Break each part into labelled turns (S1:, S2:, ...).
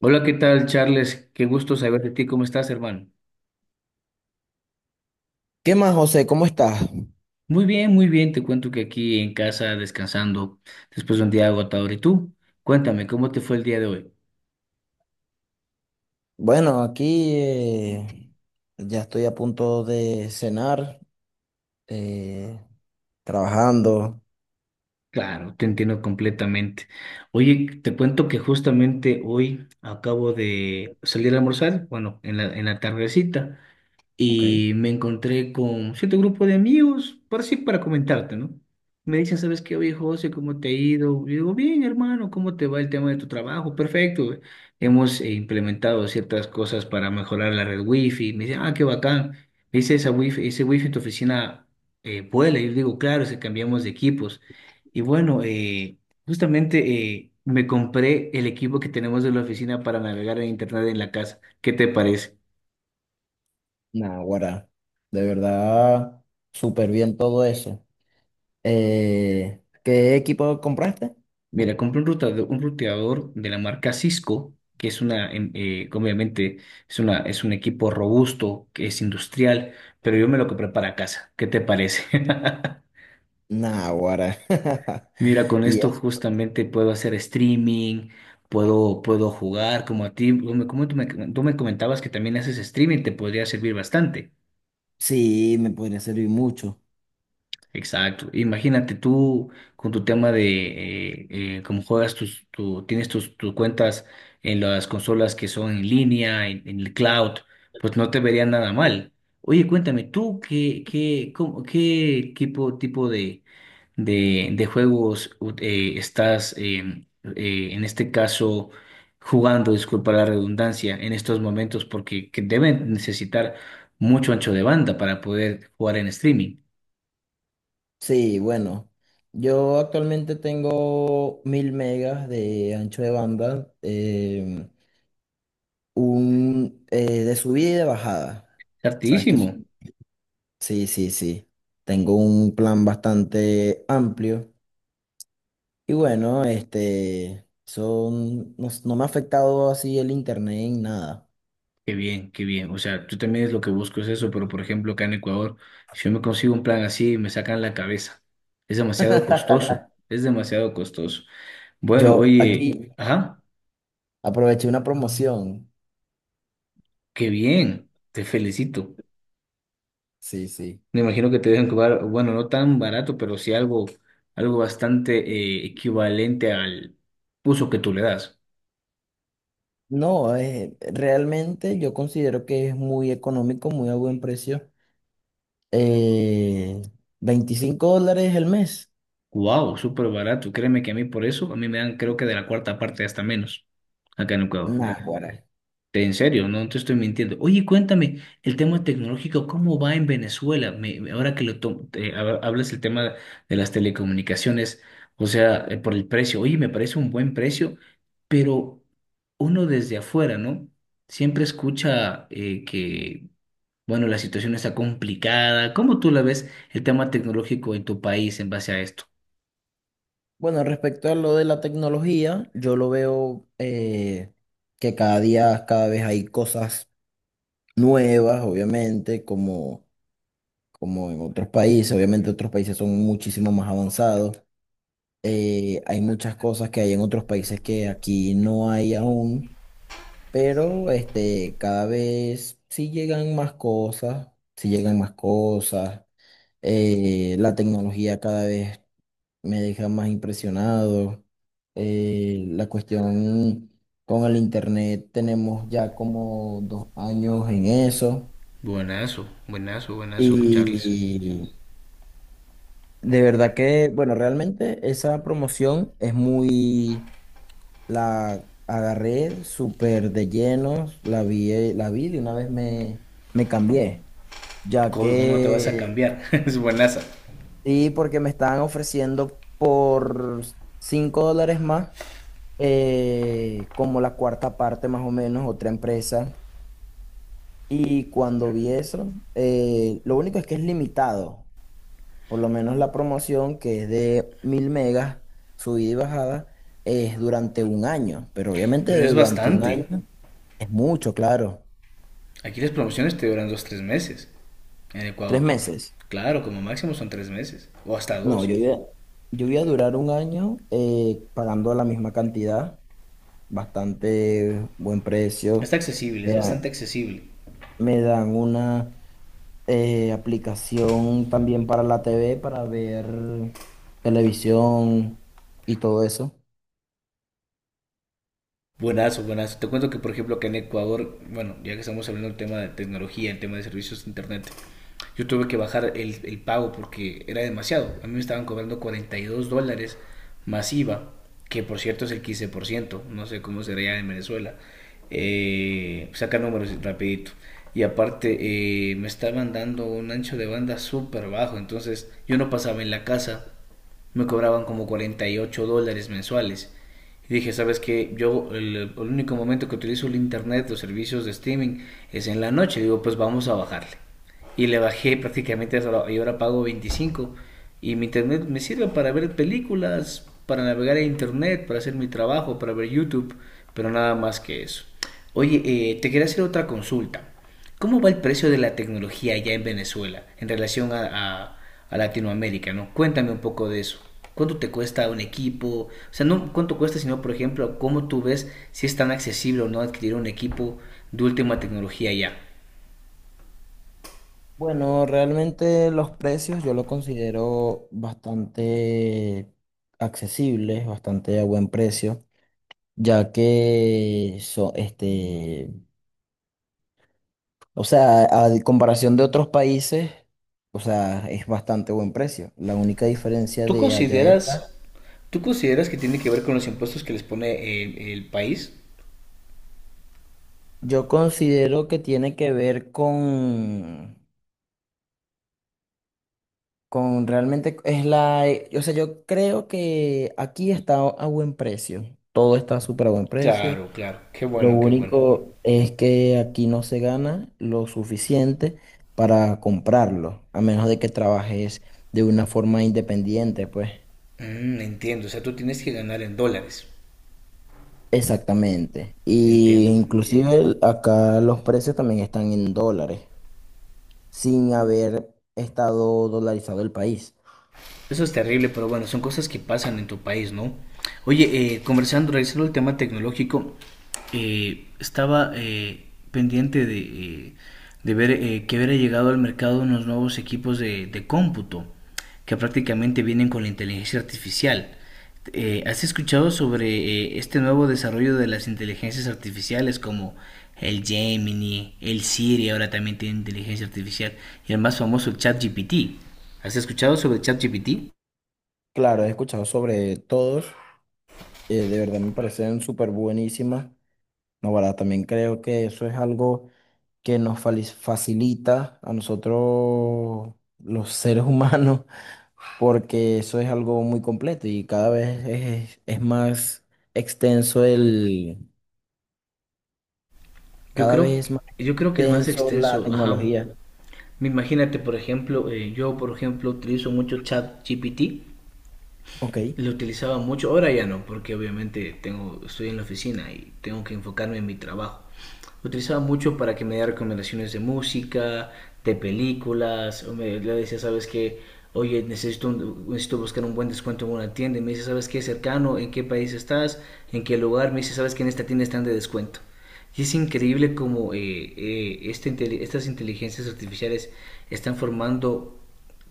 S1: Hola, ¿qué tal, Charles? Qué gusto saber de ti. ¿Cómo estás, hermano?
S2: ¿Qué más, José? ¿Cómo estás?
S1: Muy bien, muy bien. Te cuento que aquí en casa descansando después de un día agotador. ¿Y tú? Cuéntame, ¿cómo te fue el día de hoy?
S2: Bueno, aquí ya estoy a punto de cenar, eh, trabajando.
S1: Claro, te entiendo completamente. Oye, te cuento que justamente hoy acabo de salir a almorzar, bueno, en en la tardecita.
S2: Ok.
S1: Y me encontré con cierto grupo de amigos, para sí, para comentarte, ¿no? Me dicen, ¿sabes qué, oye, José, cómo te ha ido? Y digo, bien, hermano, ¿cómo te va el tema de tu trabajo? Perfecto. Hemos implementado ciertas cosas para mejorar la red wifi. Me dicen, ah, qué bacán. Me dice, esa wifi, ese wifi en tu oficina vuela. Y yo digo, claro, se cambiamos de equipos. Y bueno, justamente me compré el equipo que tenemos de la oficina para navegar en internet en la casa. ¿Qué te parece?
S2: Naguará, de verdad, súper bien todo eso. ¿Qué equipo compraste?
S1: Mira, compré un ruteador de la marca Cisco, que es una, que obviamente, es un equipo robusto, que es industrial, pero yo me lo compré para casa. ¿Qué te parece?
S2: Naguará.
S1: Mira, con
S2: Y
S1: esto
S2: eso,
S1: justamente puedo hacer streaming, puedo jugar como a ti, tú me comentabas que también haces streaming, te podría servir bastante.
S2: sí, me podría servir mucho.
S1: Exacto. Imagínate tú con tu tema de cómo juegas tienes tus cuentas en las consolas que son en línea, en el cloud, pues no te vería nada mal. Oye, cuéntame, ¿tú cómo- qué tipo de, de juegos u- estás en este caso jugando, disculpa la redundancia, en estos momentos? Porque que deben necesitar mucho ancho de banda para poder jugar en streaming.
S2: Sí, bueno, yo actualmente tengo 1000 megas de ancho de banda. Em, un De subida y de bajada. ¿Sabes qué es?
S1: Hartísimo.
S2: Sí, sí. Tengo un plan bastante amplio. Y bueno, este, no me ha afectado así el internet en nada.
S1: Qué bien, qué bien. O sea, yo también es lo que busco es eso, pero por ejemplo, acá en Ecuador, si yo me consigo un plan así, me sacan la cabeza. Es demasiado costoso, es demasiado costoso. Bueno,
S2: Yo
S1: oye,
S2: aquí
S1: ajá,
S2: aproveché una promoción.
S1: qué bien, te felicito.
S2: Sí, sí.
S1: Me imagino que te deben cobrar, bueno, no tan barato, pero sí algo, algo bastante equivalente al uso que tú le das.
S2: No, realmente yo considero que es muy económico, muy a buen precio. Eh, 25 dólares el mes.
S1: Wow, súper barato. Créeme que a mí por eso, a mí me dan creo que de la cuarta parte hasta menos acá en Ecuador.
S2: Nah.
S1: En serio, no te estoy mintiendo. Oye, cuéntame, el tema tecnológico, ¿cómo va en Venezuela? Ahora que lo te hablas el tema de las telecomunicaciones, o sea, por el precio. Oye, me parece un buen precio, pero uno desde afuera, ¿no? Siempre escucha que, bueno, la situación está complicada. ¿Cómo tú la ves el tema tecnológico en tu país en base a esto?
S2: Bueno, respecto a lo de la tecnología, yo lo veo que cada vez hay cosas nuevas, obviamente, como en otros países. Obviamente otros países son muchísimo más avanzados. Hay muchas cosas que hay en otros países que aquí no hay aún, pero este, cada vez sí llegan más cosas, sí llegan más cosas. La tecnología cada vez me deja más impresionado. La cuestión con el internet, tenemos ya como dos años en eso.
S1: Buenazo, buenazo, buenazo, Charles.
S2: Y de verdad que, bueno, realmente esa promoción es muy, la agarré súper de lleno, la vi de una vez me cambié, ya
S1: ¿Cómo, cómo no te vas a
S2: que,
S1: cambiar? Es buenaza,
S2: sí, porque me estaban ofreciendo por $5 más como la cuarta parte más o menos, otra empresa. Y cuando vi eso, lo único es que es limitado, por lo menos la promoción que es de 1000 megas, subida y bajada, es durante un año, pero obviamente
S1: pero es
S2: durante un año
S1: bastante.
S2: es mucho, claro.
S1: Aquí las promociones te duran dos, tres meses. En
S2: Tres
S1: Ecuador.
S2: meses.
S1: Claro, como máximo son tres meses. O hasta
S2: No,
S1: dos.
S2: yo iba, yo voy a durar un año pagando la misma cantidad, bastante buen
S1: Está
S2: precio.
S1: accesible, es
S2: Me dan,
S1: bastante accesible.
S2: me dan una... aplicación también para la TV, para ver televisión y todo eso.
S1: Buenazo, buenazo. Te cuento que, por ejemplo, que en Ecuador, bueno, ya que estamos hablando del tema de tecnología, el tema de servicios de Internet, yo tuve que bajar el pago porque era demasiado. A mí me estaban cobrando $42 más IVA, que por cierto es el 15%, no sé cómo será ya en Venezuela. Saca números rapidito. Y aparte me estaban dando un ancho de banda súper bajo, entonces yo no pasaba en la casa, me cobraban como $48 mensuales. Y dije, ¿sabes qué? Yo el único momento que utilizo el internet, los servicios de streaming, es en la noche. Digo, pues vamos a bajarle y le bajé prácticamente hasta ahora- y ahora pago 25 y mi internet me sirve para ver películas, para navegar a internet, para hacer mi trabajo, para ver YouTube, pero nada más que eso. Oye, te quería hacer otra consulta. ¿Cómo va el precio de la tecnología allá en Venezuela en relación a- a Latinoamérica, no? Cuéntame un poco de eso. ¿Cuánto te cuesta un equipo? O sea, no cuánto cuesta, sino, por ejemplo, cómo tú ves si es tan accesible o no adquirir un equipo de última tecnología allá.
S2: Bueno, realmente los precios yo lo considero bastante accesibles, bastante a buen precio, este, o sea, a comparación de otros países, o sea, es bastante buen precio. La única diferencia
S1: ¿Tú
S2: de allá y acá,
S1: consideras, tú consideras que tiene que ver con los impuestos que les pone el país?
S2: yo considero que tiene que ver con... Con realmente es la, o sea, yo creo que aquí está a buen precio. Todo está súper a buen precio.
S1: Claro, claro. Qué
S2: Lo
S1: bueno, qué bueno.
S2: único es que aquí no se gana lo suficiente para comprarlo, a menos de que trabajes de una forma independiente, pues.
S1: Mm, entiendo, o sea, tú tienes que ganar en dólares.
S2: Exactamente. Y
S1: Entiendo.
S2: inclusive acá los precios también están en dólares, sin haber estado dolarizado el país.
S1: Eso es terrible, pero bueno, son cosas que pasan en tu país, ¿no? Oye, conversando, revisando el tema tecnológico, estaba pendiente de ver que hubiera llegado al mercado unos nuevos equipos de cómputo que prácticamente vienen con la inteligencia artificial. ¿Has escuchado sobre este nuevo desarrollo de las inteligencias artificiales como el Gemini, el Siri, ahora también tiene inteligencia artificial y el más famoso el ChatGPT? ¿Has escuchado sobre ChatGPT?
S2: Claro, he escuchado sobre todos. De verdad me parecen súper buenísimas. No, verdad, también creo que eso es algo que nos facilita a nosotros los seres humanos, porque eso es algo muy completo y cada vez es más extenso el,
S1: Yo
S2: cada
S1: creo,
S2: vez es más
S1: yo creo que es más
S2: extenso la
S1: extenso, ajá.
S2: tecnología.
S1: Imagínate, por ejemplo, yo por ejemplo utilizo mucho ChatGPT.
S2: Ok.
S1: Lo utilizaba mucho, ahora ya no, porque obviamente tengo, estoy en la oficina y tengo que enfocarme en mi trabajo. Lo utilizaba mucho para que me diera recomendaciones de música, de películas, o me, le decía, ¿sabes qué? Oye, necesito, un- necesito buscar un buen descuento en una tienda. Y me dice, ¿sabes qué? Cercano, ¿en qué país estás? ¿En qué lugar? Me dice, ¿sabes qué? En esta tienda están de descuento. Y es increíble cómo esta estas inteligencias artificiales están formando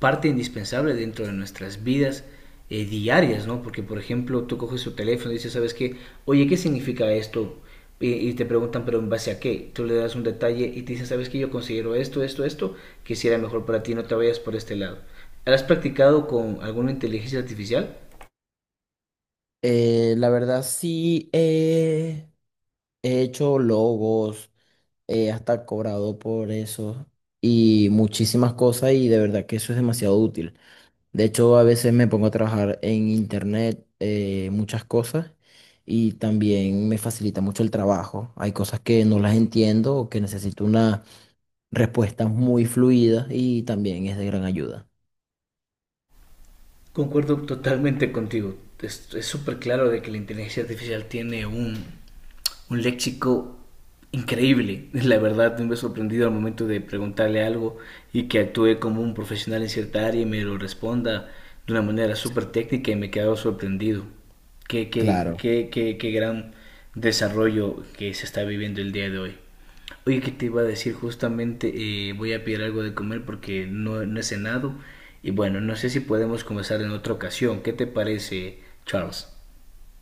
S1: parte indispensable dentro de nuestras vidas diarias, ¿no? Porque, por ejemplo, tú coges tu teléfono y dices, ¿sabes qué? Oye, ¿qué significa esto? Y, te preguntan, ¿pero en base a qué? Tú le das un detalle y te dicen, ¿sabes qué? Yo considero esto, esto, esto, que quisiera mejor para ti, no te vayas por este lado. ¿Has practicado con alguna inteligencia artificial?
S2: La verdad sí, he hecho logos, hasta cobrado por eso y muchísimas cosas y de verdad que eso es demasiado útil. De hecho, a veces me pongo a trabajar en internet muchas cosas y también me facilita mucho el trabajo. Hay cosas que no las entiendo o que necesito una respuesta muy fluida y también es de gran ayuda.
S1: Concuerdo totalmente contigo. Es súper claro de que la inteligencia artificial tiene un léxico increíble. La verdad, me he sorprendido al momento de preguntarle algo y que actúe como un profesional en cierta área y me lo responda de una manera súper técnica y me he quedado sorprendido.
S2: Claro.
S1: Qué gran desarrollo que se está viviendo el día de hoy. Oye, que te iba a decir justamente, voy a pedir algo de comer porque no, no he cenado. Y bueno, no sé si podemos conversar en otra ocasión. ¿Qué te parece, Charles?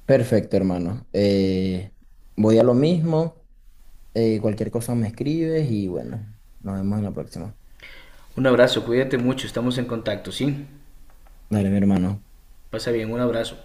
S2: Perfecto, hermano. Voy a lo mismo. Cualquier cosa me escribes y bueno, nos vemos en la próxima.
S1: Un abrazo, cuídate mucho, estamos en contacto, ¿sí?
S2: Dale, mi hermano.
S1: Pasa bien, un abrazo.